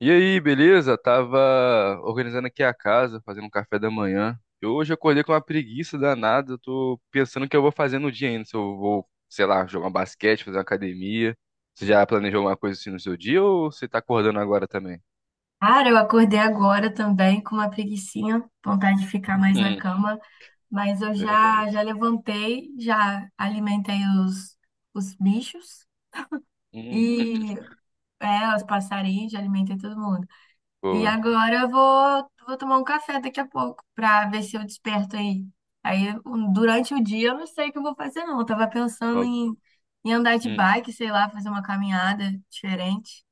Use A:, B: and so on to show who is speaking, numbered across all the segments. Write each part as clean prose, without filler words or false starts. A: E aí, beleza? Tava organizando aqui a casa, fazendo um café da manhã. E hoje eu acordei com uma preguiça danada. Eu tô pensando o que eu vou fazer no dia ainda. Se eu vou, sei lá, jogar um basquete, fazer uma academia. Você já planejou alguma coisa assim no seu dia ou você tá acordando agora também?
B: Cara, eu acordei agora também com uma preguicinha, vontade de ficar mais na
A: Hum,
B: cama, mas eu
A: verdade.
B: já já levantei, já alimentei os, os bichos
A: Hum,
B: e os passarinhos, já alimentei todo mundo. E
A: boa.
B: agora eu vou tomar um café daqui a pouco pra ver se eu desperto aí. Durante o dia eu não sei o que eu vou fazer não, eu tava pensando
A: Ó,
B: em andar de
A: Hum,
B: bike, sei lá, fazer uma caminhada diferente,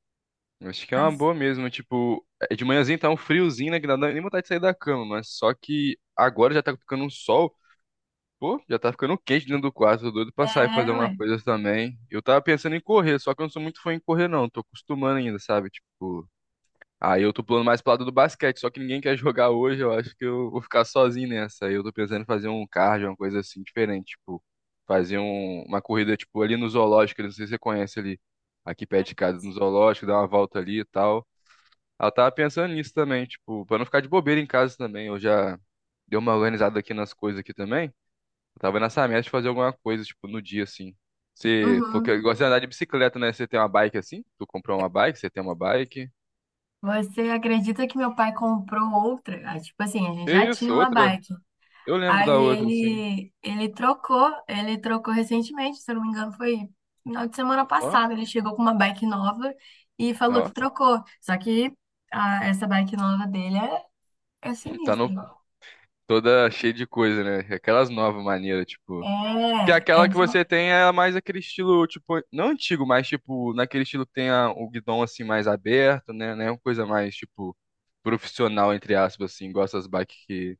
A: acho que é uma
B: mas
A: boa mesmo. Tipo, é de manhãzinho tá um friozinho, né? Que não dá nem vontade de sair da cama, mas só que agora já tá ficando um sol. Pô, já tá ficando quente dentro do quarto, tô doido pra sair fazer
B: é,
A: uma
B: ué.
A: coisa também. Eu tava pensando em correr, só que eu não sou muito fã em correr, não. Tô acostumando ainda, sabe? Tipo, aí eu tô pulando mais pro lado do basquete, só que ninguém quer jogar hoje, eu acho que eu vou ficar sozinho nessa. Aí eu tô pensando em fazer um cardio, uma coisa assim diferente, tipo, fazer uma corrida, tipo, ali no zoológico, não sei se você conhece ali, aqui perto de casa, no zoológico, dar uma volta ali e tal. Aí eu tava pensando nisso também, tipo, pra não ficar de bobeira em casa também. Eu já dei uma organizada aqui nas coisas aqui também. Eu tava nessa meta de fazer alguma coisa, tipo, no dia, assim. Você falou
B: Uhum.
A: que gosta de andar de bicicleta, né? Você tem uma bike assim? Tu comprou uma bike, você tem uma bike.
B: Você acredita que meu pai comprou outra? Ah, tipo assim, a gente
A: Que
B: já tinha
A: isso,
B: uma
A: outra?
B: bike.
A: Eu lembro da
B: Aí
A: outra, assim.
B: ele trocou, ele trocou recentemente, se eu não me engano, foi final de semana
A: Ó,
B: passada. Ele chegou com uma bike nova e falou
A: ó.
B: que trocou. Só que essa bike nova dele é, é
A: Tá
B: sinistra.
A: no, toda cheia de coisa, né? Aquelas novas maneiras, tipo. Que
B: É, é
A: aquela que
B: de...
A: você tem é mais aquele estilo, tipo, não antigo, mas tipo, naquele estilo que tem o guidão assim mais aberto, né? Né uma coisa mais, tipo, profissional, entre aspas, assim, igual essas bikes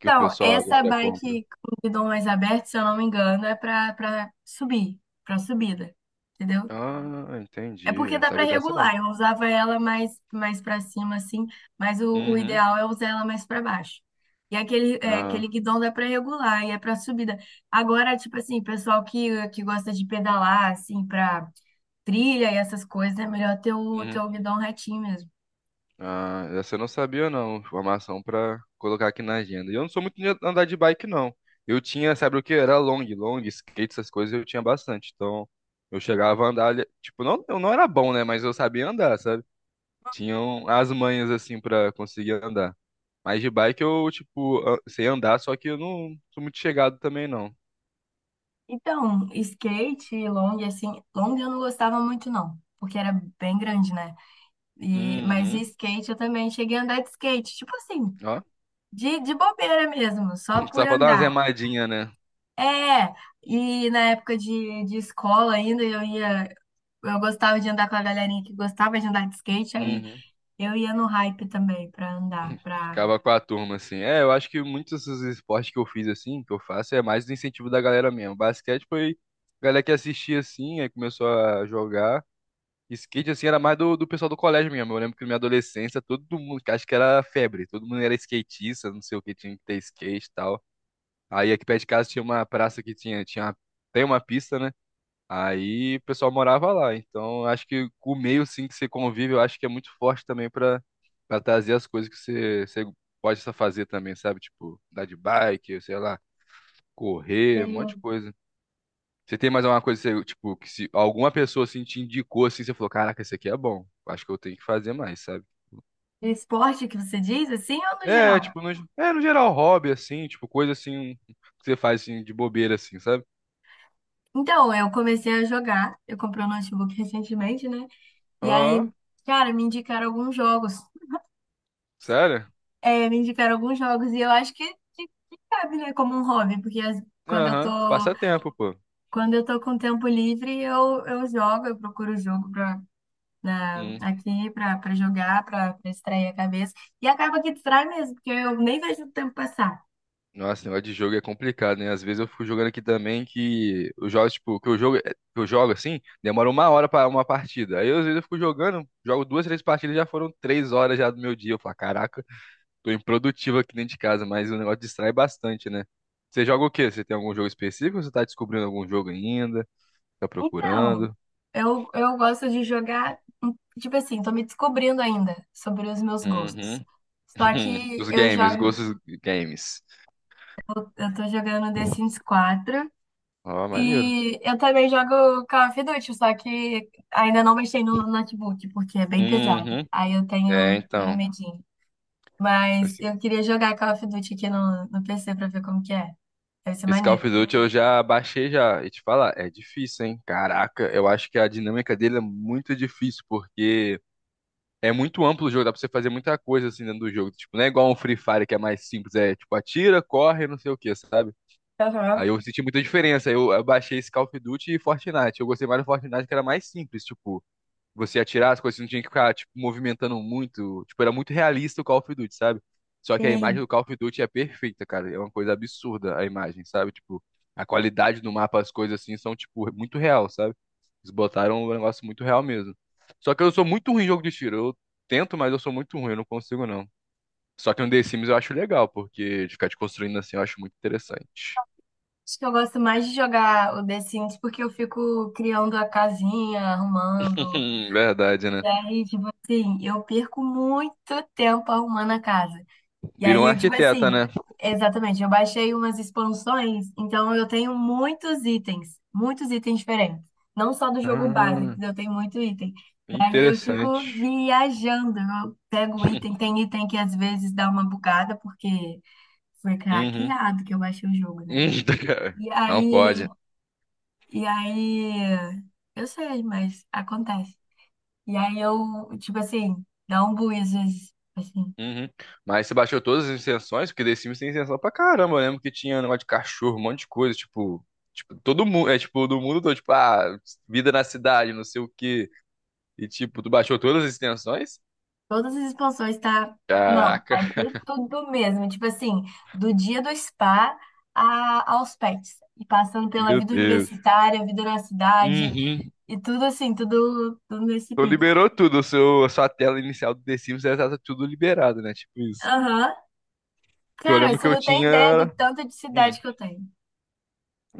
A: que o pessoal
B: essa
A: agora compra.
B: bike com guidão mais aberto, se eu não me engano, é pra subir, pra subida. Entendeu?
A: Ah,
B: É
A: entendi. Eu
B: porque
A: não
B: dá pra
A: sabia dessa não.
B: regular. Eu usava ela mais para cima assim, mas o
A: Uhum.
B: ideal é usar ela mais pra baixo. E aquele é,
A: Ah,
B: aquele guidão dá pra regular e é pra subida. Agora, tipo assim, pessoal que gosta de pedalar assim pra trilha e essas coisas, é melhor ter
A: uhum.
B: o guidão retinho mesmo.
A: Ah, essa eu não sabia não. Informação pra colocar aqui na agenda. E eu não sou muito de andar de bike não. Eu tinha, sabe o que? Era long, long, skate, essas coisas eu tinha bastante. Então, eu chegava a andar, tipo, não, eu não era bom, né, mas eu sabia andar, sabe? Tinham as manhas assim pra conseguir andar. Mas de bike eu, tipo, sei andar, só que eu não sou muito chegado também não.
B: Então, skate e long assim, long eu não gostava muito não, porque era bem grande, né? E mas e
A: Uhum.
B: skate eu também cheguei a andar de skate, tipo assim,
A: Ó,
B: de bobeira mesmo, só por
A: só pra dar uma
B: andar.
A: zemadinha, né?
B: É, e na época de escola ainda eu ia, eu gostava de andar com a galerinha que gostava de andar de skate, aí
A: Uhum.
B: eu ia no hype também pra andar, pra...
A: Acaba com a turma, assim. É, eu acho que muitos dos esportes que eu fiz, assim, que eu faço, é mais do incentivo da galera mesmo. Basquete foi a galera que assistia, assim, aí começou a jogar. Skate, assim, era mais do pessoal do colégio mesmo. Eu lembro que na minha adolescência, todo mundo, acho que era febre, todo mundo era skatista, não sei o que, tinha que ter skate e tal. Aí aqui perto de casa tinha uma praça que tem uma pista, né? Aí o pessoal morava lá. Então, acho que o meio sim que você convive, eu acho que é muito forte também pra para trazer as coisas que você, você pode só fazer também, sabe? Tipo, andar de bike, sei lá, correr, um monte de
B: Sim.
A: coisa. Você tem mais alguma coisa, que você, tipo, que se alguma pessoa assim te indicou assim, você falou, caraca, esse aqui é bom. Acho que eu tenho que fazer mais, sabe?
B: Esporte que você diz, assim, ou no
A: É,
B: geral?
A: tipo, no, é, no geral, hobby, assim, tipo, coisa assim que você faz assim, de bobeira, assim, sabe?
B: Então, eu comecei a jogar, eu comprei um notebook recentemente, né? E
A: Ó,
B: aí, cara, me indicaram alguns jogos.
A: sério?
B: É, me indicaram alguns jogos e eu acho que cabe, né, como um hobby, porque quando eu tô
A: Aham, passatempo, pô.
B: quando eu tô com tempo livre, eu jogo, eu procuro jogo aqui para jogar, para distrair a cabeça. E acaba que distrai mesmo, porque eu nem vejo o tempo passar.
A: Nossa, esse negócio de jogo é complicado, né? Às vezes eu fico jogando aqui também que os jogos, tipo, que eu jogo assim, demora uma hora pra uma partida. Aí às vezes eu fico jogando, jogo duas, três partidas, já foram três horas já do meu dia. Eu falo, caraca, tô improdutivo aqui dentro de casa, mas o negócio distrai bastante, né? Você joga o quê? Você tem algum jogo específico? Ou você tá descobrindo algum jogo ainda? Tá
B: Então,
A: procurando?
B: eu gosto de jogar, tipo assim, tô me descobrindo ainda sobre os meus gostos.
A: Uhum.
B: Só que
A: Os
B: eu
A: games,
B: jogo,
A: gostos games.
B: eu tô jogando The Sims 4
A: Ó, maneiro.
B: e eu também jogo Call of Duty, só que ainda não mexi no notebook, porque é bem pesado.
A: Uhum.
B: Aí eu
A: É,
B: tenho
A: então.
B: medinho. Mas eu queria jogar Call of Duty aqui no PC pra ver como que é. Deve ser
A: Esse Call of
B: maneiro.
A: Duty eu já baixei já. E te falar, é difícil, hein? Caraca, eu acho que a dinâmica dele é muito difícil, porque é muito amplo o jogo, dá pra você fazer muita coisa assim dentro do jogo. Tipo, não é igual um Free Fire que é mais simples, é tipo, atira, corre, não sei o que, sabe? Aí
B: Aham.
A: eu senti muita diferença. Eu baixei esse Call of Duty e Fortnite. Eu gostei mais do Fortnite que era mais simples, tipo você atirar, as coisas não tinha que ficar, tipo, movimentando muito. Tipo, era muito realista o Call of Duty, sabe? Só que a
B: E
A: imagem do Call of Duty é perfeita, cara. É uma coisa absurda a imagem, sabe? Tipo, a qualidade do mapa, as coisas assim, são, tipo, muito real, sabe? Eles botaram um negócio muito real mesmo. Só que eu sou muito ruim em jogo de tiro. Eu tento, mas eu sou muito ruim, eu não consigo, não. Só que no The Sims eu acho legal, porque de ficar te construindo assim eu acho muito interessante.
B: acho que eu gosto mais de jogar o The Sims porque eu fico criando a casinha, arrumando.
A: Verdade, né?
B: E aí, tipo assim, eu perco muito tempo arrumando a casa. E
A: Vira
B: aí,
A: um
B: tipo assim,
A: arquiteta, né?
B: exatamente, eu baixei umas expansões, então eu tenho muitos itens diferentes. Não só do jogo base,
A: Ah,
B: que eu tenho muitos itens. Aí eu fico
A: interessante.
B: viajando, eu pego o item, tem item que às vezes dá uma bugada, porque foi
A: Uhum.
B: craqueado que eu baixei o jogo, né?
A: Hum,
B: E
A: Não
B: aí,
A: pode.
B: e aí, eu sei, mas acontece. E aí eu, tipo assim, dá um bug às vezes, assim,
A: Uhum. Mas você baixou todas as extensões porque The Sims tem extensão pra caramba. Eu lembro que tinha um negócio de cachorro, um monte de coisa. Tipo, tipo todo mundo. É tipo, do mundo todo. Tipo, ah, vida na cidade, não sei o quê. E tipo, tu baixou todas as extensões?
B: todas as expansões tá, não,
A: Caraca,
B: baixei tudo mesmo, tipo assim, do dia do spa a, aos pets, e passando pela
A: meu
B: vida
A: Deus.
B: universitária, vida na cidade,
A: Uhum.
B: e tudo assim, tudo, tudo nesse
A: Tu
B: pique.
A: liberou tudo. O seu, a sua tela inicial do The Sims já tá tudo liberado, né? Tipo isso.
B: Aham.
A: Que eu
B: Cara,
A: lembro que
B: você
A: eu
B: não tem ideia do
A: tinha.
B: tanto de
A: hum,
B: cidade que eu tenho.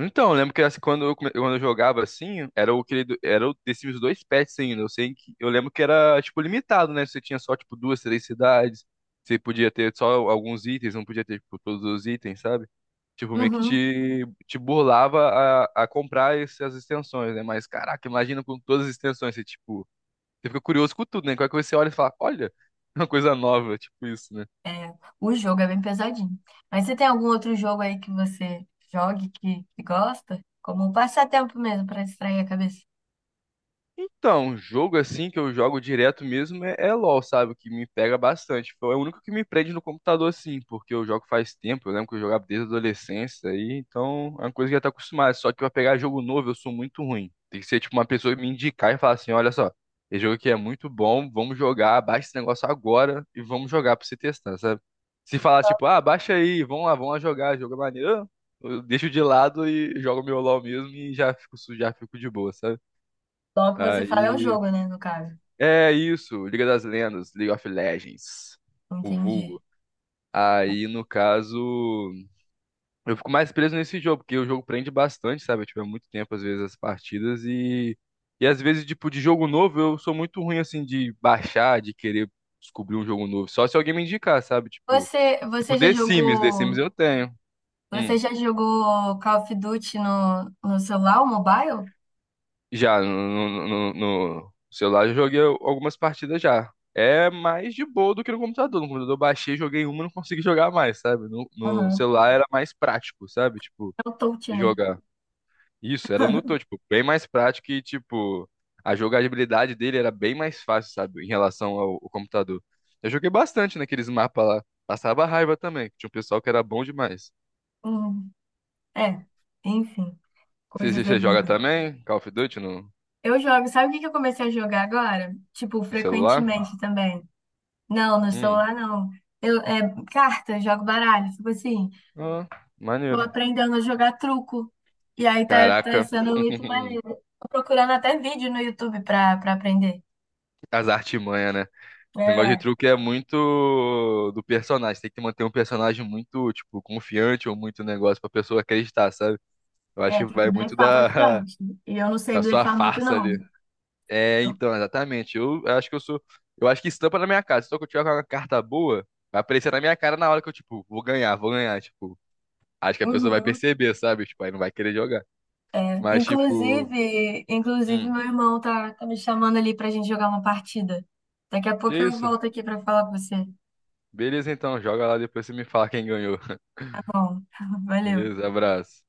A: Então, eu lembro que assim, quando eu, quando eu jogava assim, era o querido, era o The Sims 2 patches ainda. Eu sei que eu lembro que era tipo limitado, né? Você tinha só tipo duas, três cidades. Você podia ter só alguns itens, não podia ter tipo, todos os itens, sabe? Tipo, meio que
B: Uhum.
A: te burlava a comprar essas extensões, né? Mas caraca, imagina com todas as extensões, você tipo, você fica curioso com tudo, né? Qualquer coisa você olha e fala, olha, uma coisa nova, tipo isso, né?
B: É, o jogo é bem pesadinho. Mas você tem algum outro jogo aí que você jogue que gosta? Como um passatempo mesmo, pra distrair a cabeça.
A: Então, um jogo assim que eu jogo direto mesmo é LoL, sabe? O que me pega bastante. Foi o único que me prende no computador, assim, porque eu jogo faz tempo. Eu lembro que eu jogava desde a adolescência, aí, então é uma coisa que eu já tá acostumado. Só que pra pegar jogo novo, eu sou muito ruim. Tem que ser tipo uma pessoa que me indicar e falar assim: olha só, esse jogo aqui é muito bom, vamos jogar, baixa esse negócio agora e vamos jogar pra você testar, sabe? Se falar tipo, ah, baixa aí, vamos lá jogar, jogo é maneiro. Eu deixo de lado e jogo meu LoL mesmo e já fico, já fico de boa, sabe?
B: Logo que você fala é o
A: Aí
B: jogo, né, no caso.
A: é isso, Liga das Lendas, League of Legends, o
B: Entendi.
A: vulgo. Aí, no caso, eu fico mais preso nesse jogo, porque o jogo prende bastante, sabe? Eu tive muito tempo, às vezes, as partidas e... E às vezes, tipo, de jogo novo, eu sou muito ruim, assim, de baixar, de querer descobrir um jogo novo. Só se alguém me indicar, sabe? Tipo,
B: Você,
A: tipo
B: você já
A: The Sims, The
B: jogou,
A: Sims eu tenho.
B: você
A: Hum.
B: já jogou Call of Duty no celular, o mobile?
A: Já no, no celular eu joguei algumas partidas já. É mais de boa do que no computador. No computador eu baixei, joguei uma e não consegui jogar mais, sabe? No
B: Uhum.
A: celular era mais prático, sabe? Tipo,
B: É o touch, né?
A: jogar. Isso, era no tô, tipo, bem mais prático e, tipo, a jogabilidade dele era bem mais fácil, sabe? Em relação ao computador. Eu joguei bastante naqueles mapas lá. Passava raiva também. Tinha um pessoal que era bom demais.
B: Uhum. É, enfim,
A: Você,
B: coisas
A: você
B: da
A: você joga
B: vida.
A: também? Call of Duty no,
B: Eu jogo. Sabe o que que eu comecei a jogar agora? Tipo,
A: no celular?
B: frequentemente também. Não, no
A: Hum.
B: celular não. Eu, é, carta, eu jogo baralho. Tipo assim,
A: Ah,
B: tô
A: maneiro.
B: aprendendo a jogar truco. E aí tá, tá
A: Caraca,
B: sendo muito maneiro. Tô procurando até vídeo no YouTube pra, pra aprender.
A: as artimanhas, né? O negócio de
B: É,
A: truque é muito do personagem. Tem que manter um personagem muito, tipo, confiante ou muito negócio pra pessoa acreditar, sabe? Eu acho
B: é,
A: que
B: tem que
A: vai muito
B: blefar
A: da,
B: bastante. E eu não sei
A: da sua
B: blefar muito,
A: farsa
B: não.
A: ali. É, então, exatamente. Eu acho que eu sou. Eu acho que estampa na minha cara. Se eu tiver com uma carta boa, vai aparecer na minha cara na hora que eu, tipo, vou ganhar, vou ganhar. Tipo, acho que a pessoa vai
B: Uhum.
A: perceber, sabe? Tipo, aí não vai querer jogar. Mas, tipo,
B: Inclusive
A: hum,
B: meu irmão tá, tá me chamando ali pra gente jogar uma partida. Daqui a
A: que
B: pouco eu
A: isso?
B: volto aqui pra falar com você.
A: Beleza, então, joga lá depois você me fala quem ganhou.
B: Bom, valeu.
A: Beleza, abraço.